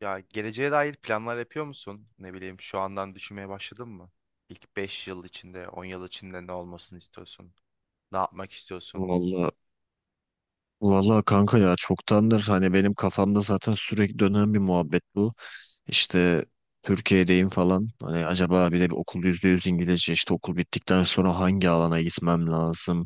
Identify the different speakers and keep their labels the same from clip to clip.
Speaker 1: Ya, geleceğe dair planlar yapıyor musun? Ne bileyim, şu andan düşünmeye başladın mı? İlk 5 yıl içinde, 10 yıl içinde ne olmasını istiyorsun? Ne yapmak istiyorsun?
Speaker 2: Valla valla kanka ya çoktandır hani benim kafamda zaten sürekli dönen bir muhabbet bu. İşte Türkiye'deyim falan. Hani acaba bir de bir okul %100 İngilizce işte okul bittikten sonra hangi alana gitmem lazım?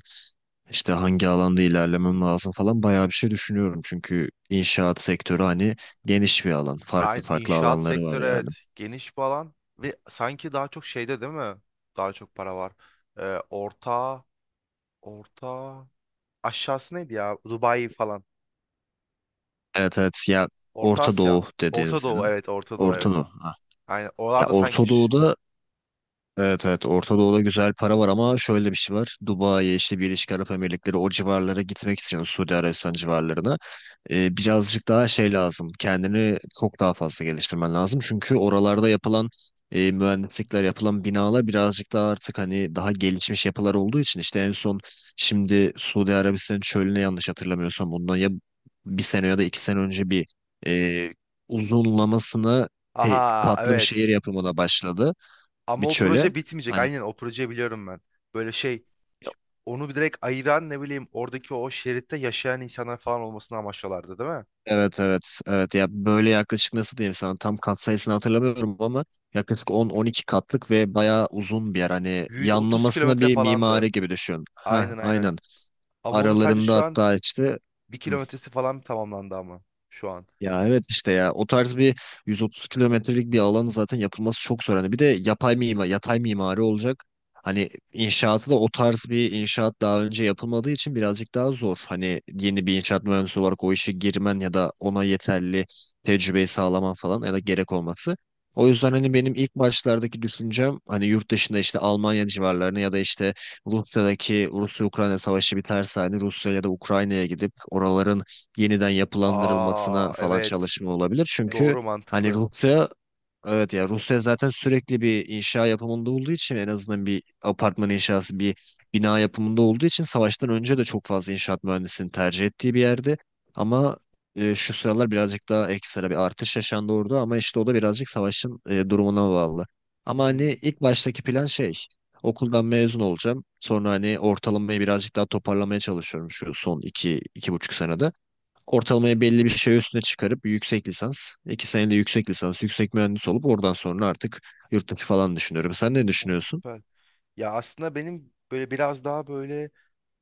Speaker 2: İşte hangi alanda ilerlemem lazım falan bayağı bir şey düşünüyorum. Çünkü inşaat sektörü hani geniş bir alan. Farklı
Speaker 1: Aynı
Speaker 2: farklı
Speaker 1: inşaat
Speaker 2: alanları var
Speaker 1: sektörü,
Speaker 2: yani.
Speaker 1: evet, geniş bir alan ve sanki daha çok şeyde, değil mi? Daha çok para var. Ee, orta, orta aşağısı neydi ya? Dubai falan.
Speaker 2: Evet evet, ya
Speaker 1: Orta
Speaker 2: Orta
Speaker 1: Asya.
Speaker 2: Doğu dediğin
Speaker 1: Orta Doğu,
Speaker 2: senin.
Speaker 1: evet, Orta Doğu,
Speaker 2: Orta
Speaker 1: evet.
Speaker 2: Doğu. Ha.
Speaker 1: Aynen,
Speaker 2: Ya
Speaker 1: oralarda sanki
Speaker 2: Orta
Speaker 1: şu-
Speaker 2: Doğu'da Evet evet, Orta Doğu'da güzel para var ama şöyle bir şey var. Dubai'ye işte Birleşik Arap Emirlikleri o civarlara gitmek istiyorsun, Suudi Arabistan civarlarına. Birazcık daha şey lazım. Kendini çok daha fazla geliştirmen lazım. Çünkü oralarda yapılan mühendislikler, yapılan binalar birazcık daha artık hani daha gelişmiş yapılar olduğu için işte en son şimdi Suudi Arabistan'ın çölüne, yanlış hatırlamıyorsam bundan ya bir sene ya da 2 sene önce bir e, uzunlamasına
Speaker 1: Aha,
Speaker 2: katlı bir şehir
Speaker 1: evet.
Speaker 2: yapımına başladı bir
Speaker 1: Ama o
Speaker 2: çöle.
Speaker 1: proje bitmeyecek.
Speaker 2: Hani
Speaker 1: Aynen, o projeyi biliyorum ben. Böyle şey, onu bir direkt ayıran ne bileyim oradaki o şeritte yaşayan insanlar falan olmasını amaçlıyorlardı, değil mi?
Speaker 2: evet evet evet, ya böyle yaklaşık, nasıl diyeyim sana, tam kat sayısını hatırlamıyorum ama yaklaşık 10, 12 katlık ve bayağı uzun bir yer. Hani
Speaker 1: 130
Speaker 2: yanlamasına
Speaker 1: kilometre
Speaker 2: bir
Speaker 1: falandı.
Speaker 2: mimari gibi düşün. Ha
Speaker 1: Aynen, aynen.
Speaker 2: aynen.
Speaker 1: Ama onun sadece
Speaker 2: Aralarında
Speaker 1: şu an
Speaker 2: hatta işte
Speaker 1: bir
Speaker 2: hmm,
Speaker 1: kilometresi falan tamamlandı ama şu an.
Speaker 2: ya evet işte ya o tarz bir 130 kilometrelik bir alanı zaten yapılması çok zor. Hani bir de yapay mimar, yatay mimari olacak. Hani inşaatı da o tarz bir inşaat daha önce yapılmadığı için birazcık daha zor. Hani yeni bir inşaat mühendisi olarak o işe girmen ya da ona yeterli tecrübeyi sağlaman falan ya da gerek olması. O yüzden hani benim ilk başlardaki düşüncem hani yurt dışında işte Almanya civarlarını ya da işte Rusya'daki Rusya-Ukrayna savaşı biterse hani Rusya ya da Ukrayna'ya gidip oraların yeniden
Speaker 1: Aa,
Speaker 2: yapılandırılmasına falan
Speaker 1: evet.
Speaker 2: çalışma olabilir. Çünkü
Speaker 1: Doğru,
Speaker 2: hani
Speaker 1: mantıklı.
Speaker 2: Rusya, evet, ya Rusya zaten sürekli bir inşa yapımında olduğu için, en azından bir apartman inşası, bir bina yapımında olduğu için savaştan önce de çok fazla inşaat mühendisinin tercih ettiği bir yerdi. Ama şu sıralar birazcık daha ekstra bir artış yaşandı orada ama işte o da birazcık savaşın durumuna bağlı. Ama
Speaker 1: Hı.
Speaker 2: hani ilk baştaki plan şey, okuldan mezun olacağım. Sonra hani ortalamayı birazcık daha toparlamaya çalışıyorum şu son 2, 2,5 senede. Ortalamaya belli bir şey üstüne çıkarıp yüksek lisans, 2 senede yüksek lisans, yüksek mühendis olup oradan sonra artık yurt dışı falan düşünüyorum. Sen ne
Speaker 1: O
Speaker 2: düşünüyorsun?
Speaker 1: süper. Ya, aslında benim böyle biraz daha böyle,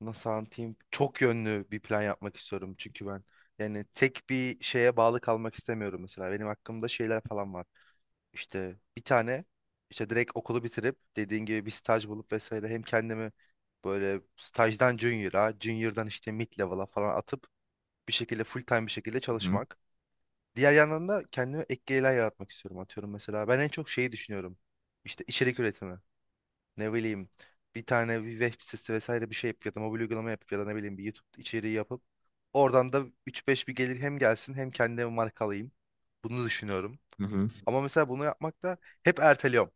Speaker 1: nasıl anlatayım, çok yönlü bir plan yapmak istiyorum, çünkü ben yani tek bir şeye bağlı kalmak istemiyorum. Mesela benim hakkımda şeyler falan var. İşte bir tane, işte direkt okulu bitirip dediğin gibi bir staj bulup vesaire, hem kendimi böyle stajdan junior'a, junior'dan işte mid level'a falan atıp bir şekilde full time bir şekilde
Speaker 2: Hı hı,
Speaker 1: çalışmak, diğer yandan da kendime ek gelirler yaratmak istiyorum. Atıyorum, mesela ben en çok şeyi düşünüyorum, işte içerik üretimi. Ne bileyim, bir tane bir web sitesi vesaire bir şey yapıp ya da mobil uygulama yapıp ya da ne bileyim bir YouTube içeriği yapıp oradan da üç beş bir gelir hem gelsin hem kendime marka alayım. Bunu düşünüyorum.
Speaker 2: hı hı,
Speaker 1: Ama mesela bunu yapmak da hep erteliyorum.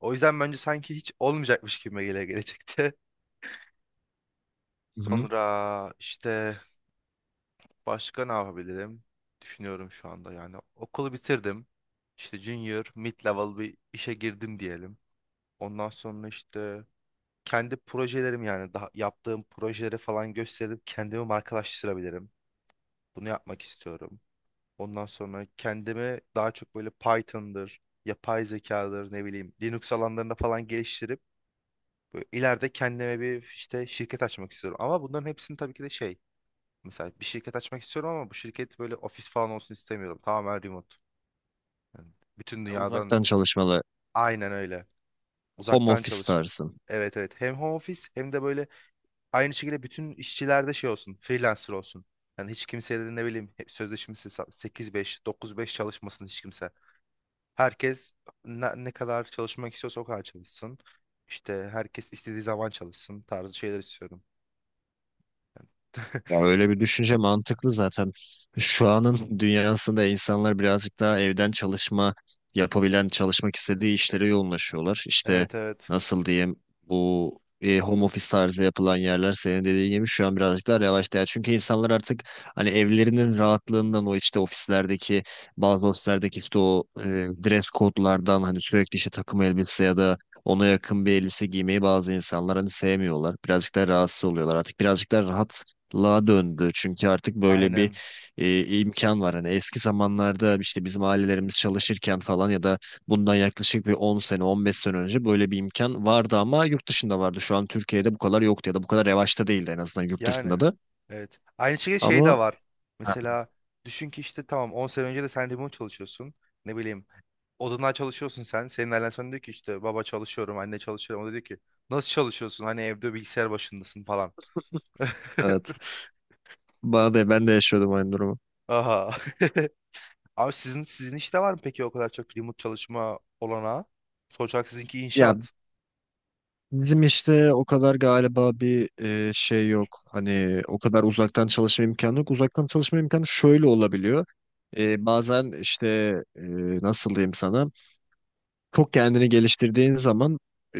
Speaker 1: O yüzden bence sanki hiç olmayacakmış gibi gelecekti.
Speaker 2: hı hı.
Speaker 1: Sonra işte başka ne yapabilirim? Düşünüyorum şu anda yani. Okulu bitirdim. İşte junior, mid level bir işe girdim diyelim. Ondan sonra işte kendi projelerim, yani daha yaptığım projeleri falan gösterip kendimi markalaştırabilirim. Bunu yapmak istiyorum. Ondan sonra kendimi daha çok böyle Python'dır, yapay zekadır, ne bileyim Linux alanlarında falan geliştirip böyle ileride kendime bir işte şirket açmak istiyorum. Ama bunların hepsini tabii ki de şey, mesela bir şirket açmak istiyorum ama bu şirket böyle ofis falan olsun istemiyorum. Tamamen remote. Yani bütün
Speaker 2: Ben
Speaker 1: dünyadan,
Speaker 2: Uzaktan çalışmalı,
Speaker 1: aynen öyle.
Speaker 2: home
Speaker 1: Uzaktan
Speaker 2: office
Speaker 1: çalış.
Speaker 2: tarzı.
Speaker 1: Evet, evet. Hem home office hem de böyle aynı şekilde bütün işçilerde şey olsun, freelancer olsun. Yani hiç kimseye de ne bileyim hep sözleşmesi 8-5, 9-5 çalışmasın hiç kimse. Herkes ne kadar çalışmak istiyorsa o kadar çalışsın. İşte herkes istediği zaman çalışsın tarzı şeyler istiyorum.
Speaker 2: Ya öyle bir düşünce mantıklı zaten. Şu anın dünyasında insanlar birazcık daha evden çalışma yapabilen, çalışmak istediği işlere yoğunlaşıyorlar. İşte
Speaker 1: Evet, evet.
Speaker 2: nasıl diyeyim, bu home office tarzı yapılan yerler senin dediğin gibi şu an birazcık daha revaçta. Ya çünkü insanlar artık hani evlerinin rahatlığından, o işte ofislerdeki, bazı ofislerdeki işte o dress kodlardan, hani sürekli işte takım elbise ya da ona yakın bir elbise giymeyi bazı insanlar hani sevmiyorlar. Birazcık daha rahatsız oluyorlar. Artık birazcık daha rahat la döndü çünkü artık böyle bir
Speaker 1: Aynen.
Speaker 2: imkan var. Hani eski zamanlarda işte bizim ailelerimiz çalışırken falan ya da bundan yaklaşık bir 10 sene 15 sene önce böyle bir imkan vardı ama yurt dışında vardı. Şu an Türkiye'de bu kadar yok ya da bu kadar yavaşta değildi en azından yurt dışında
Speaker 1: Yani.
Speaker 2: da.
Speaker 1: Evet. Aynı şekilde şey
Speaker 2: Ama
Speaker 1: de var. Mesela düşün ki işte tamam, 10 sene önce de sen remote çalışıyorsun. Ne bileyim, odundan çalışıyorsun sen. Senin ailen sana diyor ki işte baba çalışıyorum, anne çalışıyorum. O da diyor ki nasıl çalışıyorsun? Hani evde bilgisayar başındasın falan.
Speaker 2: evet, bana da, ben de yaşıyordum aynı durumu.
Speaker 1: Aha. Abi sizin işte var mı peki o kadar çok remote çalışma olanağı? Sonuç olarak sizinki
Speaker 2: Ya
Speaker 1: inşaat.
Speaker 2: bizim işte o kadar galiba bir şey yok. Hani o kadar uzaktan çalışma imkanı yok. Uzaktan çalışma imkanı şöyle olabiliyor. Bazen işte nasıl diyeyim sana, çok kendini geliştirdiğin zaman e,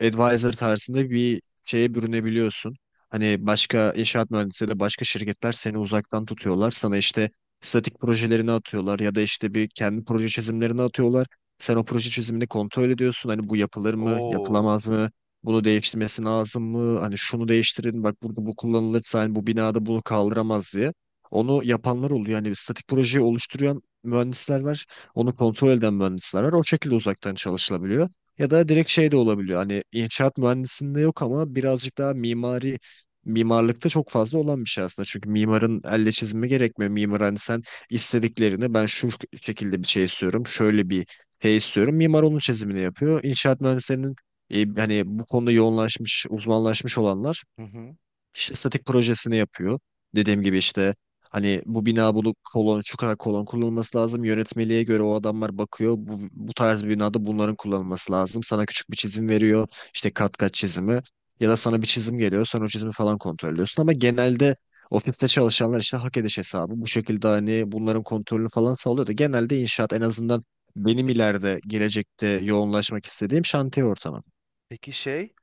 Speaker 2: advisor tarzında bir şeye bürünebiliyorsun. Hani başka inşaat mühendisleri de, başka şirketler seni uzaktan tutuyorlar. Sana işte statik projelerini atıyorlar ya da işte bir kendi proje çizimlerini atıyorlar. Sen o proje çizimini kontrol ediyorsun. Hani bu yapılır mı,
Speaker 1: Oo.
Speaker 2: yapılamaz mı? Bunu değiştirmesi lazım mı? Hani şunu değiştirin, bak burada bu kullanılırsa hani bu binada bunu kaldıramaz diye. Onu yapanlar oluyor. Yani statik projeyi oluşturan mühendisler var. Onu kontrol eden mühendisler var. O şekilde uzaktan çalışılabiliyor. Ya da direkt şey de olabiliyor. Hani inşaat mühendisliğinde yok ama birazcık daha mimari, mimarlıkta çok fazla olan bir şey aslında. Çünkü mimarın elle çizimi gerekmiyor. Mimar hani sen istediklerini, ben şu şekilde bir şey istiyorum, şöyle bir şey istiyorum, mimar onun çizimini yapıyor. İnşaat mühendislerinin hani bu konuda yoğunlaşmış, uzmanlaşmış olanlar
Speaker 1: Hı hı.
Speaker 2: işte statik projesini yapıyor. Dediğim gibi işte hani bu bina bunu kolon, şu kadar kolon kullanılması lazım. Yönetmeliğe göre o adamlar bakıyor. Bu, bu tarz bir binada bunların kullanılması lazım. Sana küçük bir çizim veriyor, işte kat kat çizimi. Ya da sana bir çizim geliyor. Sen o çizimi falan kontrol ediyorsun. Ama genelde ofiste çalışanlar işte hak ediş hesabı, bu şekilde hani bunların kontrolünü falan sağlıyor da genelde inşaat, en azından benim
Speaker 1: Peki,
Speaker 2: ileride gelecekte yoğunlaşmak istediğim şantiye ortamı.
Speaker 1: peki şey.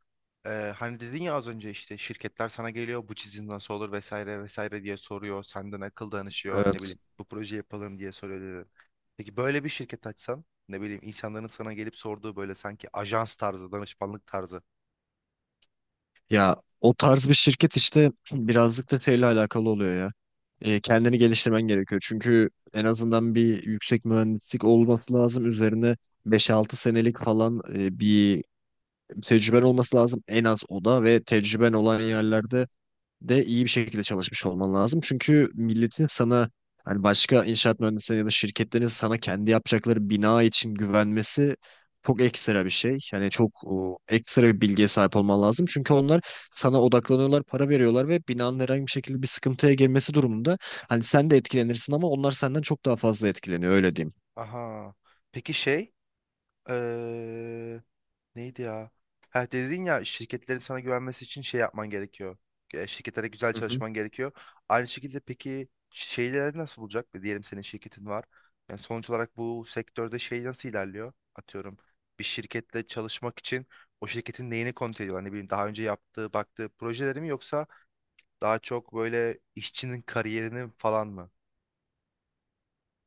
Speaker 1: Hani dedin ya az önce işte şirketler sana geliyor, bu çizim nasıl olur vesaire vesaire diye soruyor. Senden akıl danışıyor, ne
Speaker 2: Evet.
Speaker 1: bileyim bu proje yapalım diye soruyor, dedin. Peki, böyle bir şirket açsan ne bileyim insanların sana gelip sorduğu böyle sanki ajans tarzı, danışmanlık tarzı.
Speaker 2: Ya o tarz bir şirket işte birazcık da şeyle alakalı oluyor ya. Kendini geliştirmen gerekiyor. Çünkü en azından bir yüksek mühendislik olması lazım. Üzerine 5-6 senelik falan bir tecrüben olması lazım. En az o da, ve tecrüben olan yerlerde de iyi bir şekilde çalışmış olman lazım. Çünkü milletin sana, hani başka inşaat mühendisleri ya da şirketlerin sana kendi yapacakları bina için güvenmesi çok ekstra bir şey. Yani çok ekstra bir bilgiye sahip olman lazım. Çünkü onlar sana odaklanıyorlar, para veriyorlar ve binanın herhangi bir şekilde bir sıkıntıya girmesi durumunda hani sen de etkilenirsin ama onlar senden çok daha fazla etkileniyor, öyle
Speaker 1: Aha, peki şey. Eee, Neydi ya? Ha, dedin ya şirketlerin sana güvenmesi için şey yapman gerekiyor. Şirketlere güzel
Speaker 2: diyeyim.
Speaker 1: çalışman gerekiyor. Aynı şekilde peki, şeyleri nasıl bulacak? Diyelim senin şirketin var. Yani sonuç olarak bu sektörde şey nasıl ilerliyor? Atıyorum bir şirketle çalışmak için o şirketin neyini kontrol ediyor? Hani bileyim, daha önce yaptığı, baktığı projeleri mi yoksa daha çok böyle işçinin kariyerini falan mı?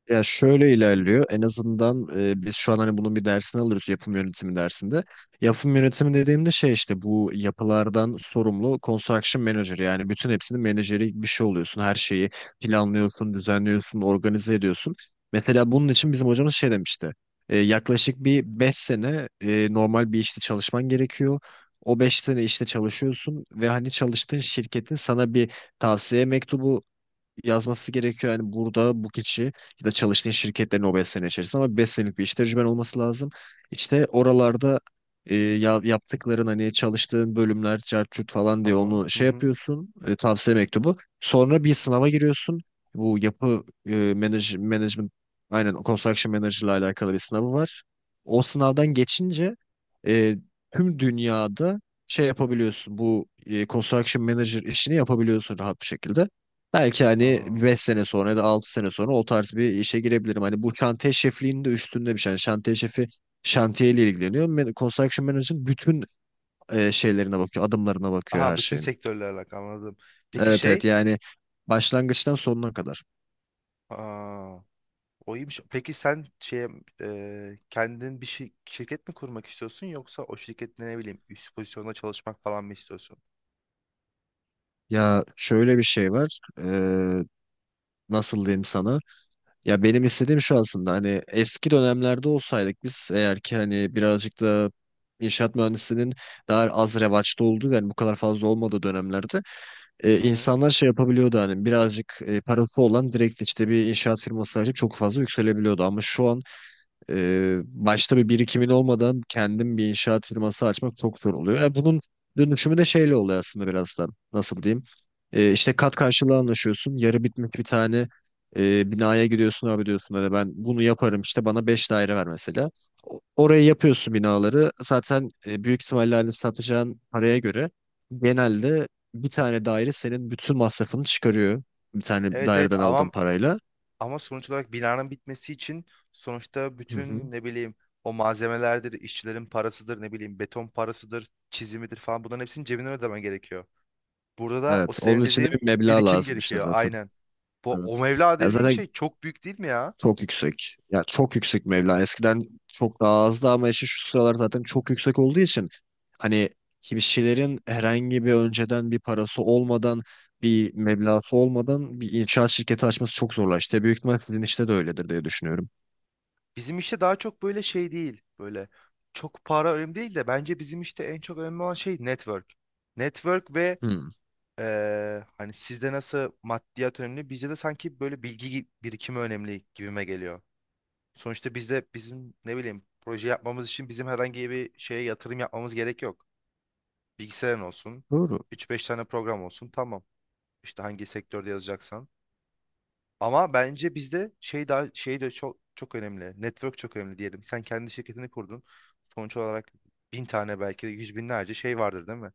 Speaker 2: Ya şöyle ilerliyor. En azından biz şu an hani bunun bir dersini alırız yapım yönetimi dersinde. Yapım yönetimi dediğimde şey, işte bu yapılardan sorumlu construction manager, yani bütün hepsinin menajeri bir şey oluyorsun. Her şeyi planlıyorsun, düzenliyorsun, organize ediyorsun. Mesela bunun için bizim hocamız şey demişti. Yaklaşık bir 5 sene normal bir işte çalışman gerekiyor. O 5 sene işte çalışıyorsun ve hani çalıştığın şirketin sana bir tavsiye mektubu yazması gerekiyor. Yani burada bu kişi ya da çalıştığın şirketlerin o 5 sene içerisinde, ama 5 senelik bir iş tecrüben olması lazım. İşte oralarda yaptıkların, hani çalıştığın bölümler cart curt falan diye
Speaker 1: Tamam.
Speaker 2: onu
Speaker 1: Hı
Speaker 2: şey
Speaker 1: hı.
Speaker 2: yapıyorsun, tavsiye mektubu. Sonra bir sınava giriyorsun. Bu yapı management, aynen construction manager ile alakalı bir sınavı var. O sınavdan geçince e, tüm dünyada şey yapabiliyorsun. Bu construction manager işini yapabiliyorsun rahat bir şekilde. Belki hani
Speaker 1: Aa.
Speaker 2: 5 sene sonra ya da 6 sene sonra o tarz bir işe girebilirim. Hani bu şantiye şefliğinin de üstünde bir şey. Yani şantiye şefi şantiyeyle ilgileniyor. Construction Manager'ın bütün şeylerine bakıyor, adımlarına bakıyor
Speaker 1: Aha,
Speaker 2: her
Speaker 1: bütün
Speaker 2: şeyin.
Speaker 1: sektörlerle alakalı, anladım. Peki
Speaker 2: Evet evet,
Speaker 1: şey.
Speaker 2: yani başlangıçtan sonuna kadar.
Speaker 1: Aa, o iyiymiş. Peki sen şey, kendin bir şirket mi kurmak istiyorsun yoksa o şirkette ne bileyim üst pozisyonda çalışmak falan mı istiyorsun?
Speaker 2: Ya şöyle bir şey var. Nasıl diyeyim sana? Ya benim istediğim şu aslında, hani eski dönemlerde olsaydık biz, eğer ki hani birazcık da inşaat mühendisinin daha az revaçta olduğu, yani bu kadar fazla olmadığı dönemlerde
Speaker 1: Hı hı.
Speaker 2: insanlar şey yapabiliyordu, hani birazcık parası olan direkt işte bir inşaat firması açıp çok fazla yükselebiliyordu. Ama şu an başta bir birikimin olmadan kendim bir inşaat firması açmak çok zor oluyor. Bunun dönüşümü de şeyle oluyor aslında biraz da. Nasıl diyeyim? İşte kat karşılığı anlaşıyorsun. Yarı bitmiş bir tane binaya gidiyorsun, abi diyorsun hani ben bunu yaparım, işte bana 5 daire ver mesela. Orayı yapıyorsun, binaları. Zaten büyük ihtimalle hani satacağın paraya göre genelde bir tane daire senin bütün masrafını çıkarıyor. Bir tane
Speaker 1: Evet,
Speaker 2: daireden
Speaker 1: evet,
Speaker 2: aldığın
Speaker 1: ama
Speaker 2: parayla.
Speaker 1: sonuç olarak binanın bitmesi için, sonuçta
Speaker 2: Hı
Speaker 1: bütün
Speaker 2: hı.
Speaker 1: ne bileyim o malzemelerdir, işçilerin parasıdır, ne bileyim beton parasıdır, çizimidir falan, bunların hepsini cebinden ödemen gerekiyor. Burada da o
Speaker 2: Evet.
Speaker 1: senin
Speaker 2: Onun için de bir
Speaker 1: dediğin
Speaker 2: meblağ
Speaker 1: birikim
Speaker 2: lazım işte
Speaker 1: gerekiyor,
Speaker 2: zaten.
Speaker 1: aynen. Bu o
Speaker 2: Evet.
Speaker 1: mevla
Speaker 2: Ya
Speaker 1: dediğin
Speaker 2: zaten
Speaker 1: şey çok büyük, değil mi ya?
Speaker 2: çok yüksek. Ya çok yüksek meblağ. Eskiden çok daha azdı ama işte şu sıralar zaten çok yüksek olduğu için hani kişilerin herhangi bir önceden bir parası olmadan, bir meblası olmadan bir inşaat şirketi açması çok zorlaştı. İşte büyük ihtimal sizin işte de öyledir diye düşünüyorum.
Speaker 1: Bizim işte daha çok böyle şey değil. Böyle çok para önemli değil de bence bizim işte en çok önemli olan şey network. Network ve
Speaker 2: Hmm.
Speaker 1: hani sizde nasıl maddiyat önemli, bizde de sanki böyle bilgi birikimi önemli gibime geliyor. Sonuçta bizde, bizim ne bileyim proje yapmamız için bizim herhangi bir şeye yatırım yapmamız gerek yok. Bilgisayarın olsun,
Speaker 2: Doğru.
Speaker 1: üç beş tane program olsun, tamam. İşte hangi sektörde yazacaksan. Ama bence bizde şey daha şey de çok çok önemli. Network çok önemli diyelim. Sen kendi şirketini kurdun. Sonuç olarak bin tane, belki de yüz binlerce şey vardır, değil mi?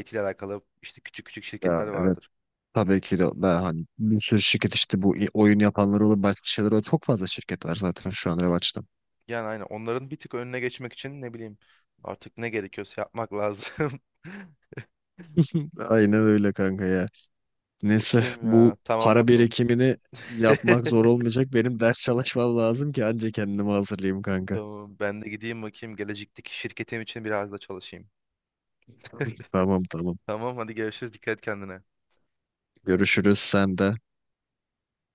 Speaker 1: IT ile alakalı işte küçük küçük
Speaker 2: Ya
Speaker 1: şirketler
Speaker 2: evet,
Speaker 1: vardır.
Speaker 2: tabii ki de daha hani bir sürü şirket işte, bu oyun yapanlar olur, başka şeyler olur. Çok fazla şirket var zaten şu an revaçta.
Speaker 1: Yani aynen, onların bir tık önüne geçmek için ne bileyim artık ne gerekiyorsa yapmak lazım.
Speaker 2: Aynen öyle kanka ya. Neyse,
Speaker 1: Bakayım
Speaker 2: bu
Speaker 1: ya. Tamam,
Speaker 2: para
Speaker 1: bakalım.
Speaker 2: birikimini yapmak zor olmayacak. Benim ders çalışmam lazım ki anca kendimi hazırlayayım kanka.
Speaker 1: Tamam, ben de gideyim bakayım gelecekteki şirketim için biraz da çalışayım.
Speaker 2: Tamam tamam.
Speaker 1: Tamam, hadi görüşürüz. Dikkat et kendine.
Speaker 2: Görüşürüz sen de.